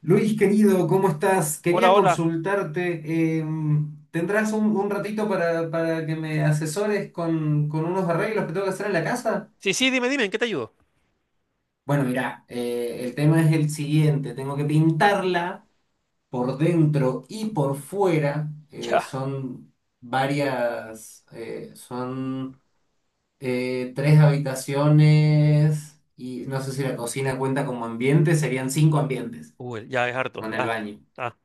Luis, querido, ¿cómo estás? Hola, Quería hola. consultarte. ¿Tendrás un ratito para que me asesores con unos arreglos que tengo que hacer en la casa? Sí, sí, dime, dime, ¿en qué te ayudo? Bueno, mirá, el tema es el siguiente. Tengo que pintarla por dentro y por fuera. eh, Ya, son varias, eh, son eh, tres habitaciones, y no sé si la cocina cuenta como ambiente. Serían cinco ambientes Google, ya es harto. con el Da, baño. da,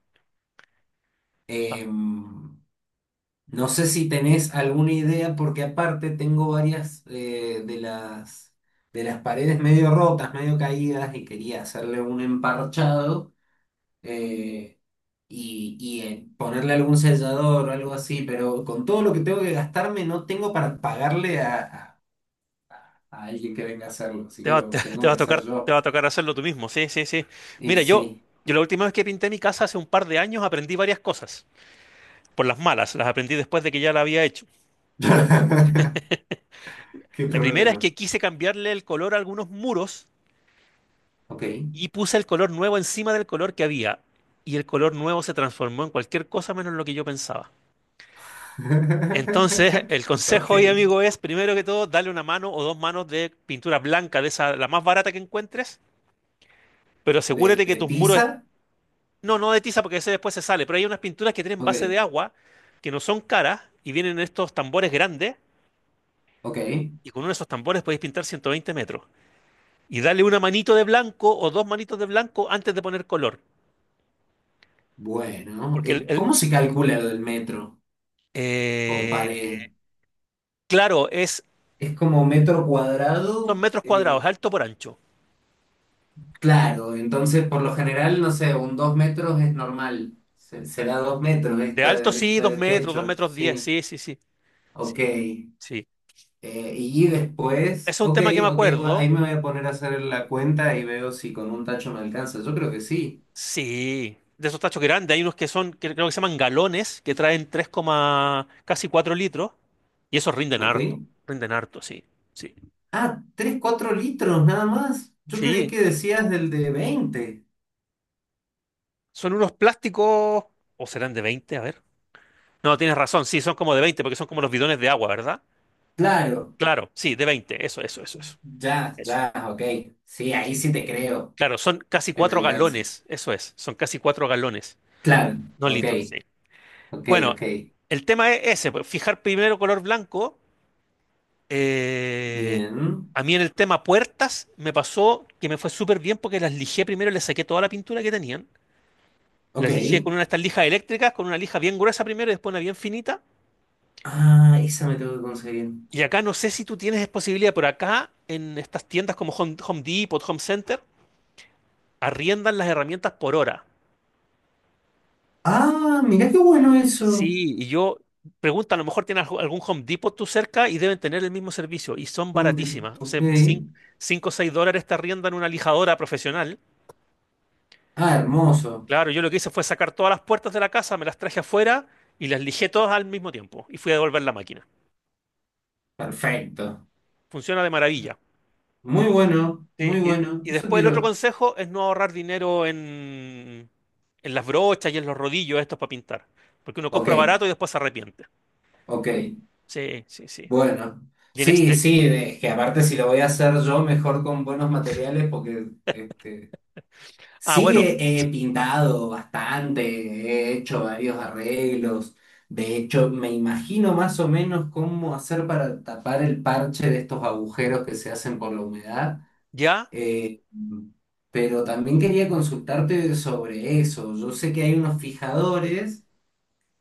da. Em, No sé si tenés alguna idea, porque aparte tengo varias de las paredes medio rotas, medio caídas, y quería hacerle un emparchado, eh, y ponerle algún sellador o algo así, pero con todo lo que tengo que gastarme no tengo para pagarle a alguien que venga a hacerlo, así Te que va, te, lo te tengo va que a tocar, hacer te va yo. a tocar hacerlo tú mismo. Sí, sí, sí. Y Mira, yo, sí. yo la última vez que pinté mi casa hace un par de años aprendí varias cosas. Por las malas, las aprendí después de que ya la había hecho. Qué La primera es problema. que quise cambiarle el color a algunos muros Ok. y puse el color nuevo encima del color que había. Y el color nuevo se transformó en cualquier cosa menos lo que yo pensaba. Entonces, el Ok. consejo hoy, amigo, es primero que todo, dale una mano o dos manos de pintura blanca, de esa, la más barata que encuentres, pero ¿De, asegúrate que de tus muros pizza? No, no de tiza porque ese después se sale, pero hay unas pinturas que tienen base Ok. de agua, que no son caras, y vienen en estos tambores grandes, Ok. y con uno de esos tambores podéis pintar 120 metros. Y dale una manito de blanco o dos manitos de blanco antes de poner color. Bueno, Porque el, el- ¿cómo se calcula lo del metro por pared? eh, claro, es, Es como metro son cuadrado. metros cuadrados, alto por ancho. Claro, entonces por lo general, no sé, un 2 metros es normal. Será 2 metros De alto esta, sí, este dos techo, metros diez, sí, sí, sí, sí. ok. Sí, sí. Y Ese después, es un ok, tema que me ok, bueno, acuerdo. ahí me voy a poner a hacer la cuenta y veo si con un tacho me alcanza, yo creo que sí, Sí, de esos tachos grandes. Hay unos que son, que creo que se llaman galones, que traen casi 4 litros. Y esos rinden ok. harto. Rinden harto, sí. Sí. Ah, 3 4 litros nada más, yo creí Sí. que decías del de 20, Son unos plásticos. ¿O serán de veinte? A ver. No, tienes razón. Sí, son como de 20 porque son como los bidones de agua, ¿verdad? claro. Claro, sí, de 20. Eso, eso, eso, eso. Ya, Eso. ya, ok. Sí, ahí Sí. sí te creo Claro, son casi que me 4 alcance. galones. Eso es. Son casi 4 galones. Claro, No ok, litros. Sí. ok, Bueno, ok. el tema es ese, pues, fijar primero color blanco. eh, Bien, a mí en el tema puertas me pasó que me fue súper bien porque las lijé primero, les saqué toda la pintura que tenían. ok. Las lijé con una de estas lijas eléctricas, con una lija bien gruesa primero y después una bien finita. Ah, esa me tengo que conseguir. Y acá no sé si tú tienes posibilidad, pero acá en estas tiendas como Home, Home Depot, Home Center, arriendan las herramientas por hora. Ah, mira qué bueno eso. Sí, y yo pregunta, a lo mejor tienen algún Home Depot tú cerca y deben tener el mismo servicio y son Home Depot, baratísimas. O ok. sea, 5 o 6 dólares te arriendan una lijadora profesional. Ah, hermoso. Claro, yo lo que hice fue sacar todas las puertas de la casa, me las traje afuera y las lijé todas al mismo tiempo y fui a devolver la máquina. Perfecto. Funciona de maravilla. Muy bueno, Sí, muy y, bueno. y Eso después el otro quiero. consejo es no ahorrar dinero en las brochas y en los rodillos estos para pintar, porque uno Ok, compra barato y después se arrepiente. ok. Sí, sí, sí. Bueno. Y en Sí, este... sí, es que aparte si lo voy a hacer yo, mejor con buenos materiales, porque este... Ah, Sí, bueno, he pintado bastante, he hecho varios arreglos. De hecho, me imagino más o menos cómo hacer para tapar el parche de estos agujeros que se hacen por la humedad. ya. Mm. Pero también quería consultarte sobre eso. Yo sé que hay unos fijadores,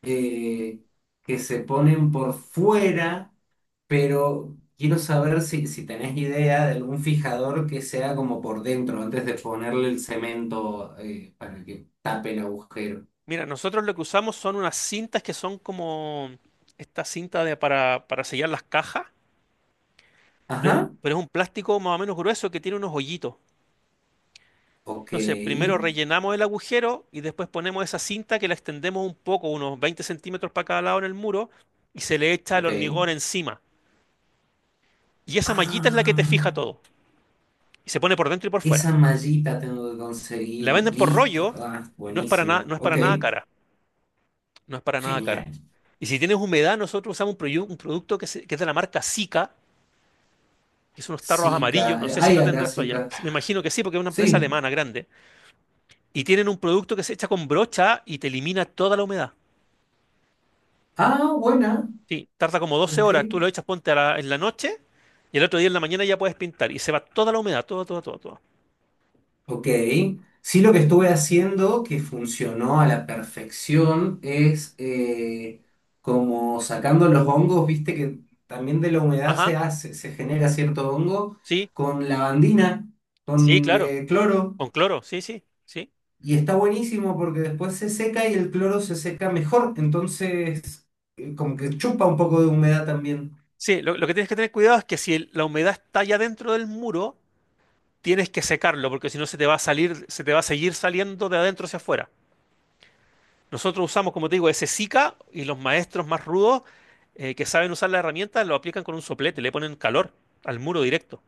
eh, que se ponen por fuera, pero quiero saber si, si tenés idea de algún fijador que sea como por dentro, antes de ponerle el cemento, para que tape el agujero. Mira, nosotros lo que usamos son unas cintas que son como esta cinta de, para sellar las cajas, Ajá, pero es un plástico más o menos grueso que tiene unos hoyitos. ok, Entonces, primero rellenamos el agujero y después ponemos esa cinta que la extendemos un poco, unos 20 centímetros para cada lado en el muro, y se le echa el ok. hormigón encima. Y esa mallita es la que te fija Ah, todo. Y se pone por dentro y por fuera. esa mallita tengo que La conseguir, venden por listo. rollo, Ah, buenísimo, no es para ok, nada cara. No es para nada cara. genial. Y si tienes humedad, nosotros usamos un, un producto que, que es de la marca Sika, que son unos tarros amarillos, Zika, no sé si hay lo acá tendrás tú allá, Zika. me imagino que sí, porque es una empresa Sí, alemana grande, y tienen un producto que se echa con brocha y te elimina toda la humedad. ah, buena, Sí, tarda como doce ok. horas, tú lo echas, ponte en la noche, y el otro día en la mañana ya puedes pintar, y se va toda la humedad, toda, toda, toda, toda. Ok, sí, lo que estuve haciendo que funcionó a la perfección es, como sacando los hongos. Viste que también de la humedad Ajá, se hace, se genera cierto hongo sí, con lavandina, sí, con claro, cloro, con cloro, sí, sí, sí. y está buenísimo porque después se seca y el cloro se seca mejor, entonces como que chupa un poco de humedad también. Sí, lo que tienes que tener cuidado es que si la humedad está ya dentro del muro, tienes que secarlo, porque si no se te va a salir, se te va a seguir saliendo de adentro hacia afuera. Nosotros usamos, como te digo, ese Zika, y los maestros más rudos que saben usar la herramienta lo aplican con un soplete, le ponen calor al muro directo,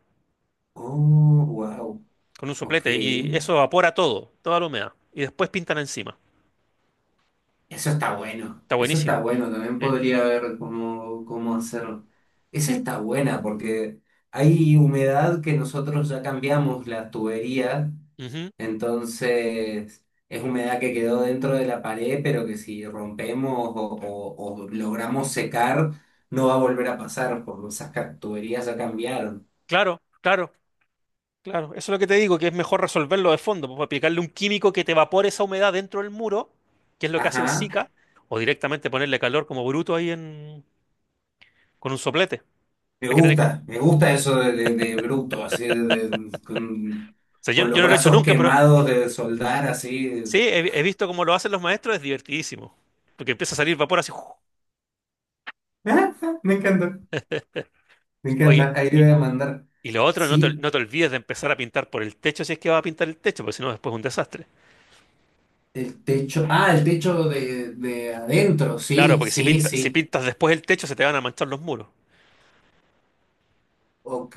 Oh, wow, con un ok. soplete y eso evapora todo, toda la humedad. Y después pintan encima. Está Eso está buenísimo. bueno, también ¿Eh? podría ver cómo, cómo hacerlo. Esa Sí. está buena porque hay humedad que nosotros ya cambiamos la tubería, Ujú. entonces es humedad que quedó dentro de la pared, pero que si rompemos o logramos secar, no va a volver a pasar porque esas tuberías ya cambiaron. Claro, claro, claro. Eso es lo que te digo, que es mejor resolverlo de fondo, pues aplicarle un químico que te evapore esa humedad dentro del muro, que es lo que hace el Ajá, Zika, o directamente ponerle calor como bruto ahí en, con un soplete. Hay que tener... me gusta eso de, de bruto, así de, de- con, O sea, yo, con los yo no lo he hecho brazos nunca, pero quemados de soldar, así. sí, he visto cómo lo hacen los maestros, es divertidísimo. Porque empieza a salir vapor así. ¡Uf! Ah, ah, me encanta, me Oye, encanta. Ahí le voy y, a mandar. y lo otro, Sí, no te olvides de empezar a pintar por el techo si es que vas a pintar el techo, porque si no, después es un desastre. el techo. Ah, el techo de adentro. Claro, Sí, porque sí, si sí. pintas después el techo, se te van a manchar los muros. Ok,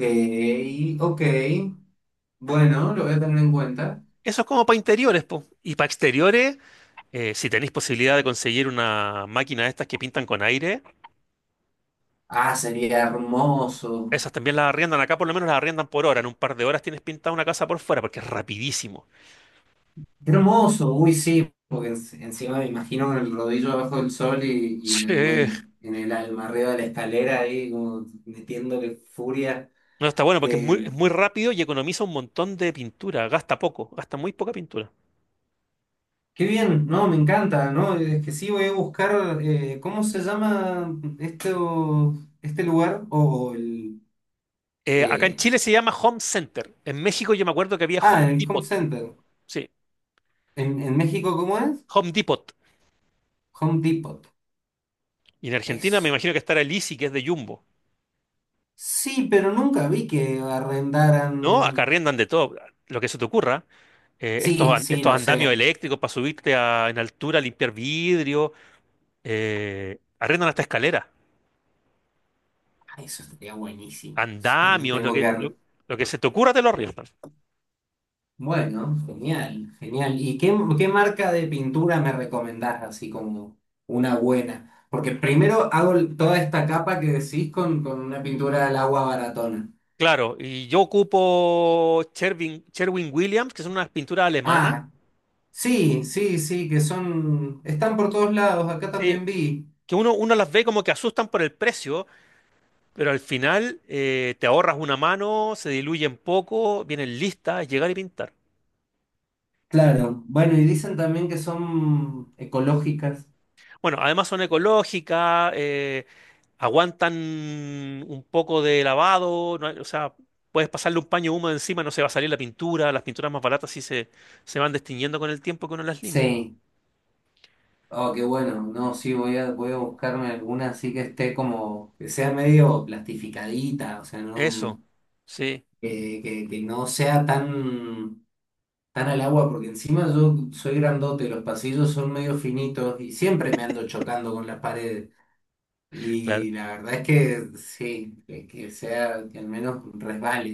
ok. Bueno, lo voy a tener en cuenta. Eso es como para interiores, po. Y para exteriores, si tenéis posibilidad de conseguir una máquina de estas que pintan con aire, Ah, sería hermoso. esas también las arriendan. Acá por lo menos las arriendan por hora. En un par de horas tienes pintada una casa por fuera, porque es rapidísimo. Hermoso, uy, sí, porque encima me imagino con el rodillo abajo del sol, y me Sí. duele en el alma, arriba de la escalera, ahí como metiéndole furia. No, está bueno porque eh, es muy rápido y economiza un montón de pintura, gasta poco, gasta muy poca pintura. Qué bien. No, me encanta, ¿no? Es que sí, voy a buscar, ¿cómo se llama este, este lugar? O el... Acá en eh, Chile se llama Home Center. En México yo me acuerdo que había ah, Home el Home Depot. Center. Sí, ¿En México cómo es? Home Depot. Home Depot. Y en Argentina me Eso. imagino que estará el Easy, que es de Jumbo. Sí, pero nunca vi que arrendaran... No, acá arriendan de todo, lo que se te ocurra. Estos, Sí, sí, estos lo andamios sé. eléctricos para subirte en altura, limpiar vidrio. Eh, arriendan hasta escaleras, Ah, eso estaría buenísimo. Sí, también andamios, tengo que... lo que se te ocurra te lo arriendan. Bueno, genial, genial. ¿Y qué marca de pintura me recomendás, así como una buena? Porque primero hago toda esta capa que decís con una pintura al agua baratona. Claro, y yo ocupo Sherwin, Sherwin Williams, que son unas pinturas alemanas, Ah, sí, sí, sí, que son, están por todos lados, acá sí, también vi. que uno las ve como que asustan por el precio, pero al final te ahorras una mano, se diluyen poco, vienen listas, es llegar y pintar. Claro, bueno, y dicen también que son ecológicas. Bueno, además son ecológicas, aguantan un poco de lavado, no hay- o sea, puedes pasarle un paño húmedo encima, no se va a salir la pintura, las pinturas más baratas sí se van destiñendo con el tiempo que uno las limpia. Sí. Oh, qué bueno. No, sí, voy a, voy a buscarme alguna así, que esté como, que sea medio plastificadita, o sea, no. Eso, sí, Que no sea tan, tan al agua, porque encima yo soy grandote, los pasillos son medio finitos y siempre me ando chocando con las paredes. claro. Y la verdad es que sí, que sea, que al menos resbale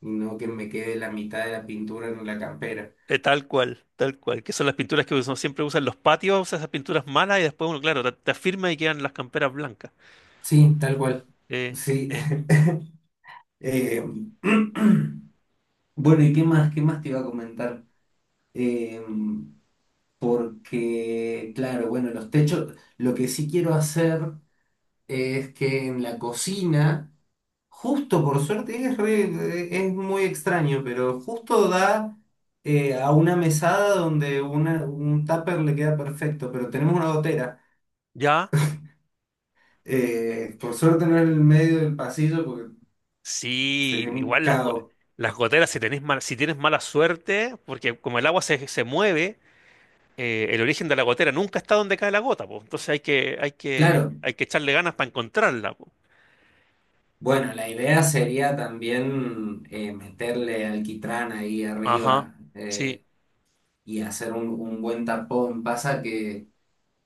y no que me quede la mitad de la pintura en la campera. Tal cual, que son las pinturas que uno siempre usa en los patios, usa esas pinturas malas y después uno, claro, te afirma y quedan las camperas blancas. Sí, tal cual. Eh, Sí. eh, Eh, bueno, ¿y qué más? ¿Qué más te iba a comentar? Eh, Porque, claro, bueno, los techos, lo que sí quiero hacer es que en la cocina, justo por suerte, es, es muy extraño, pero justo da, a una mesada donde un tupper le queda perfecto, pero tenemos una gotera. ya, Por suerte no es en el medio del pasillo porque sí, sería un igual las, caos. las goteras, si si tienes mala suerte, porque como el agua se mueve, el origen de la gotera nunca está donde cae la gota, po. Entonces hay que, hay que, Claro, hay que echarle ganas para encontrarla, po. bueno, la idea sería también meterle alquitrán ahí Ajá, arriba, sí. Y hacer un buen tapón. Pasa que...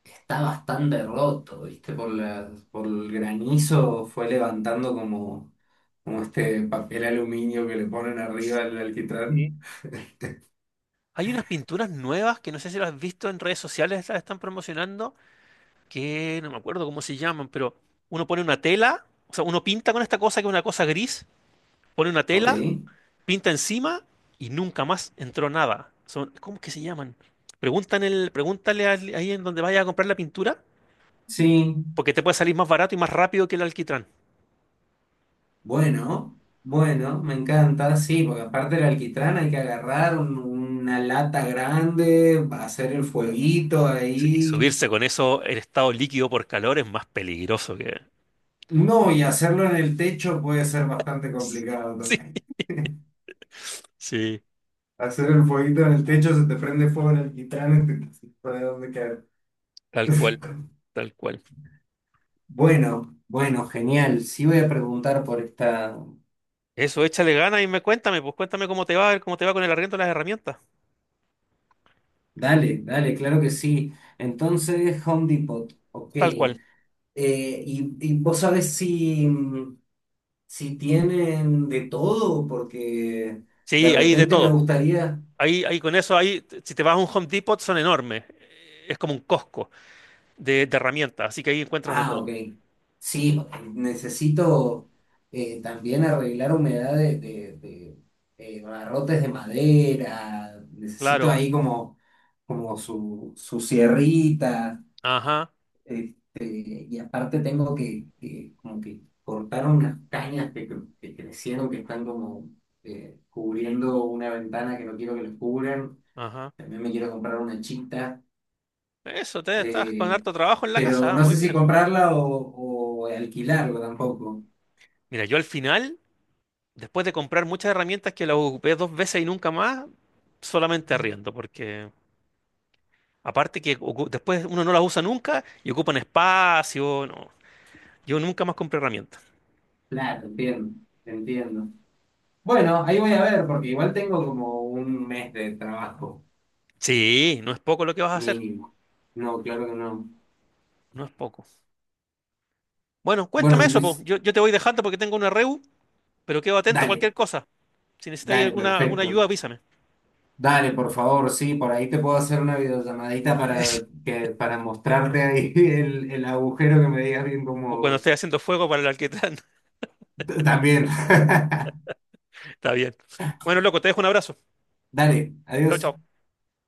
está bastante roto, ¿viste? Por el granizo fue levantando como este papel aluminio que le ponen arriba al Sí. alquitrán. Hay unas pinturas nuevas que no sé si las has visto en redes sociales, las están promocionando, que no me acuerdo cómo se llaman, pero uno pone una tela, o sea, uno pinta con esta cosa que es una cosa gris, pone una Ok, tela, pinta encima y nunca más entró nada. Son, ¿cómo es que se llaman? Preguntan el, ahí en donde vaya a comprar la pintura, sí, porque te puede salir más barato y más rápido que el alquitrán. bueno, bueno, me encanta, sí, porque aparte del alquitrán hay que agarrar una lata grande, hacer el fueguito Sí. Y ahí. subirse con eso en estado líquido por calor es más peligroso que... No, y hacerlo en el techo puede ser bastante complicado Sí, también. sí, Hacer el fueguito en el techo, se te prende fuego el alquitrán, no hay dónde caer. tal cual, tal cual. Bueno, bueno, genial. Sí, voy a preguntar por esta. Eso, échale ganas y me cuéntame, pues cuéntame cómo te va con el arriendo de las herramientas. Dale, dale, claro que sí. Entonces, Home Depot, ok. Tal cual. Y vos sabés si tienen de todo, porque de Sí, hay de repente me todo. gustaría... Ahí, ahí con eso, ahí, si te vas a un Home Depot, son enormes. Es como un Costco de herramientas, así que ahí encuentras de Ah, ok. todo. Sí, necesito también arreglar humedad de barrotes de madera. Necesito Claro. ahí como, como su sierrita. Ajá, Este, y aparte tengo que como que cortaron unas cañas que crecieron, que están como cubriendo una ventana que no quiero que les cubran. ajá. También me quiero comprar una chita, Eso, te estás con eh, harto trabajo en la casa, pero ah, no muy sé si bien. comprarla o alquilarla tampoco. Mira, yo al final, después de comprar muchas herramientas que las ocupé dos veces y nunca más, solamente arriendo, porque aparte que después uno no las usa nunca y ocupan espacio, no. Yo nunca más compré herramientas. Claro, entiendo, entiendo. Bueno, ahí voy a ver, porque igual tengo como un mes de trabajo Sí, no es poco lo que vas a hacer, mínimo. No, claro que no. no es poco. Bueno, Bueno, cuéntame mi eso, pues. Luis, Yo te voy dejando porque tengo una reu, pero quedo atento a dale, cualquier cosa. Si necesitáis dale, alguna, alguna perfecto. ayuda, avísame. Dale, por favor, sí, por ahí te puedo hacer una videollamadita para mostrarte ahí el agujero que me digas bien O cuando como... esté haciendo fuego para el alquitrán. También. Está bien. Bueno, loco, te dejo un abrazo. Dale, Chao, adiós. chao.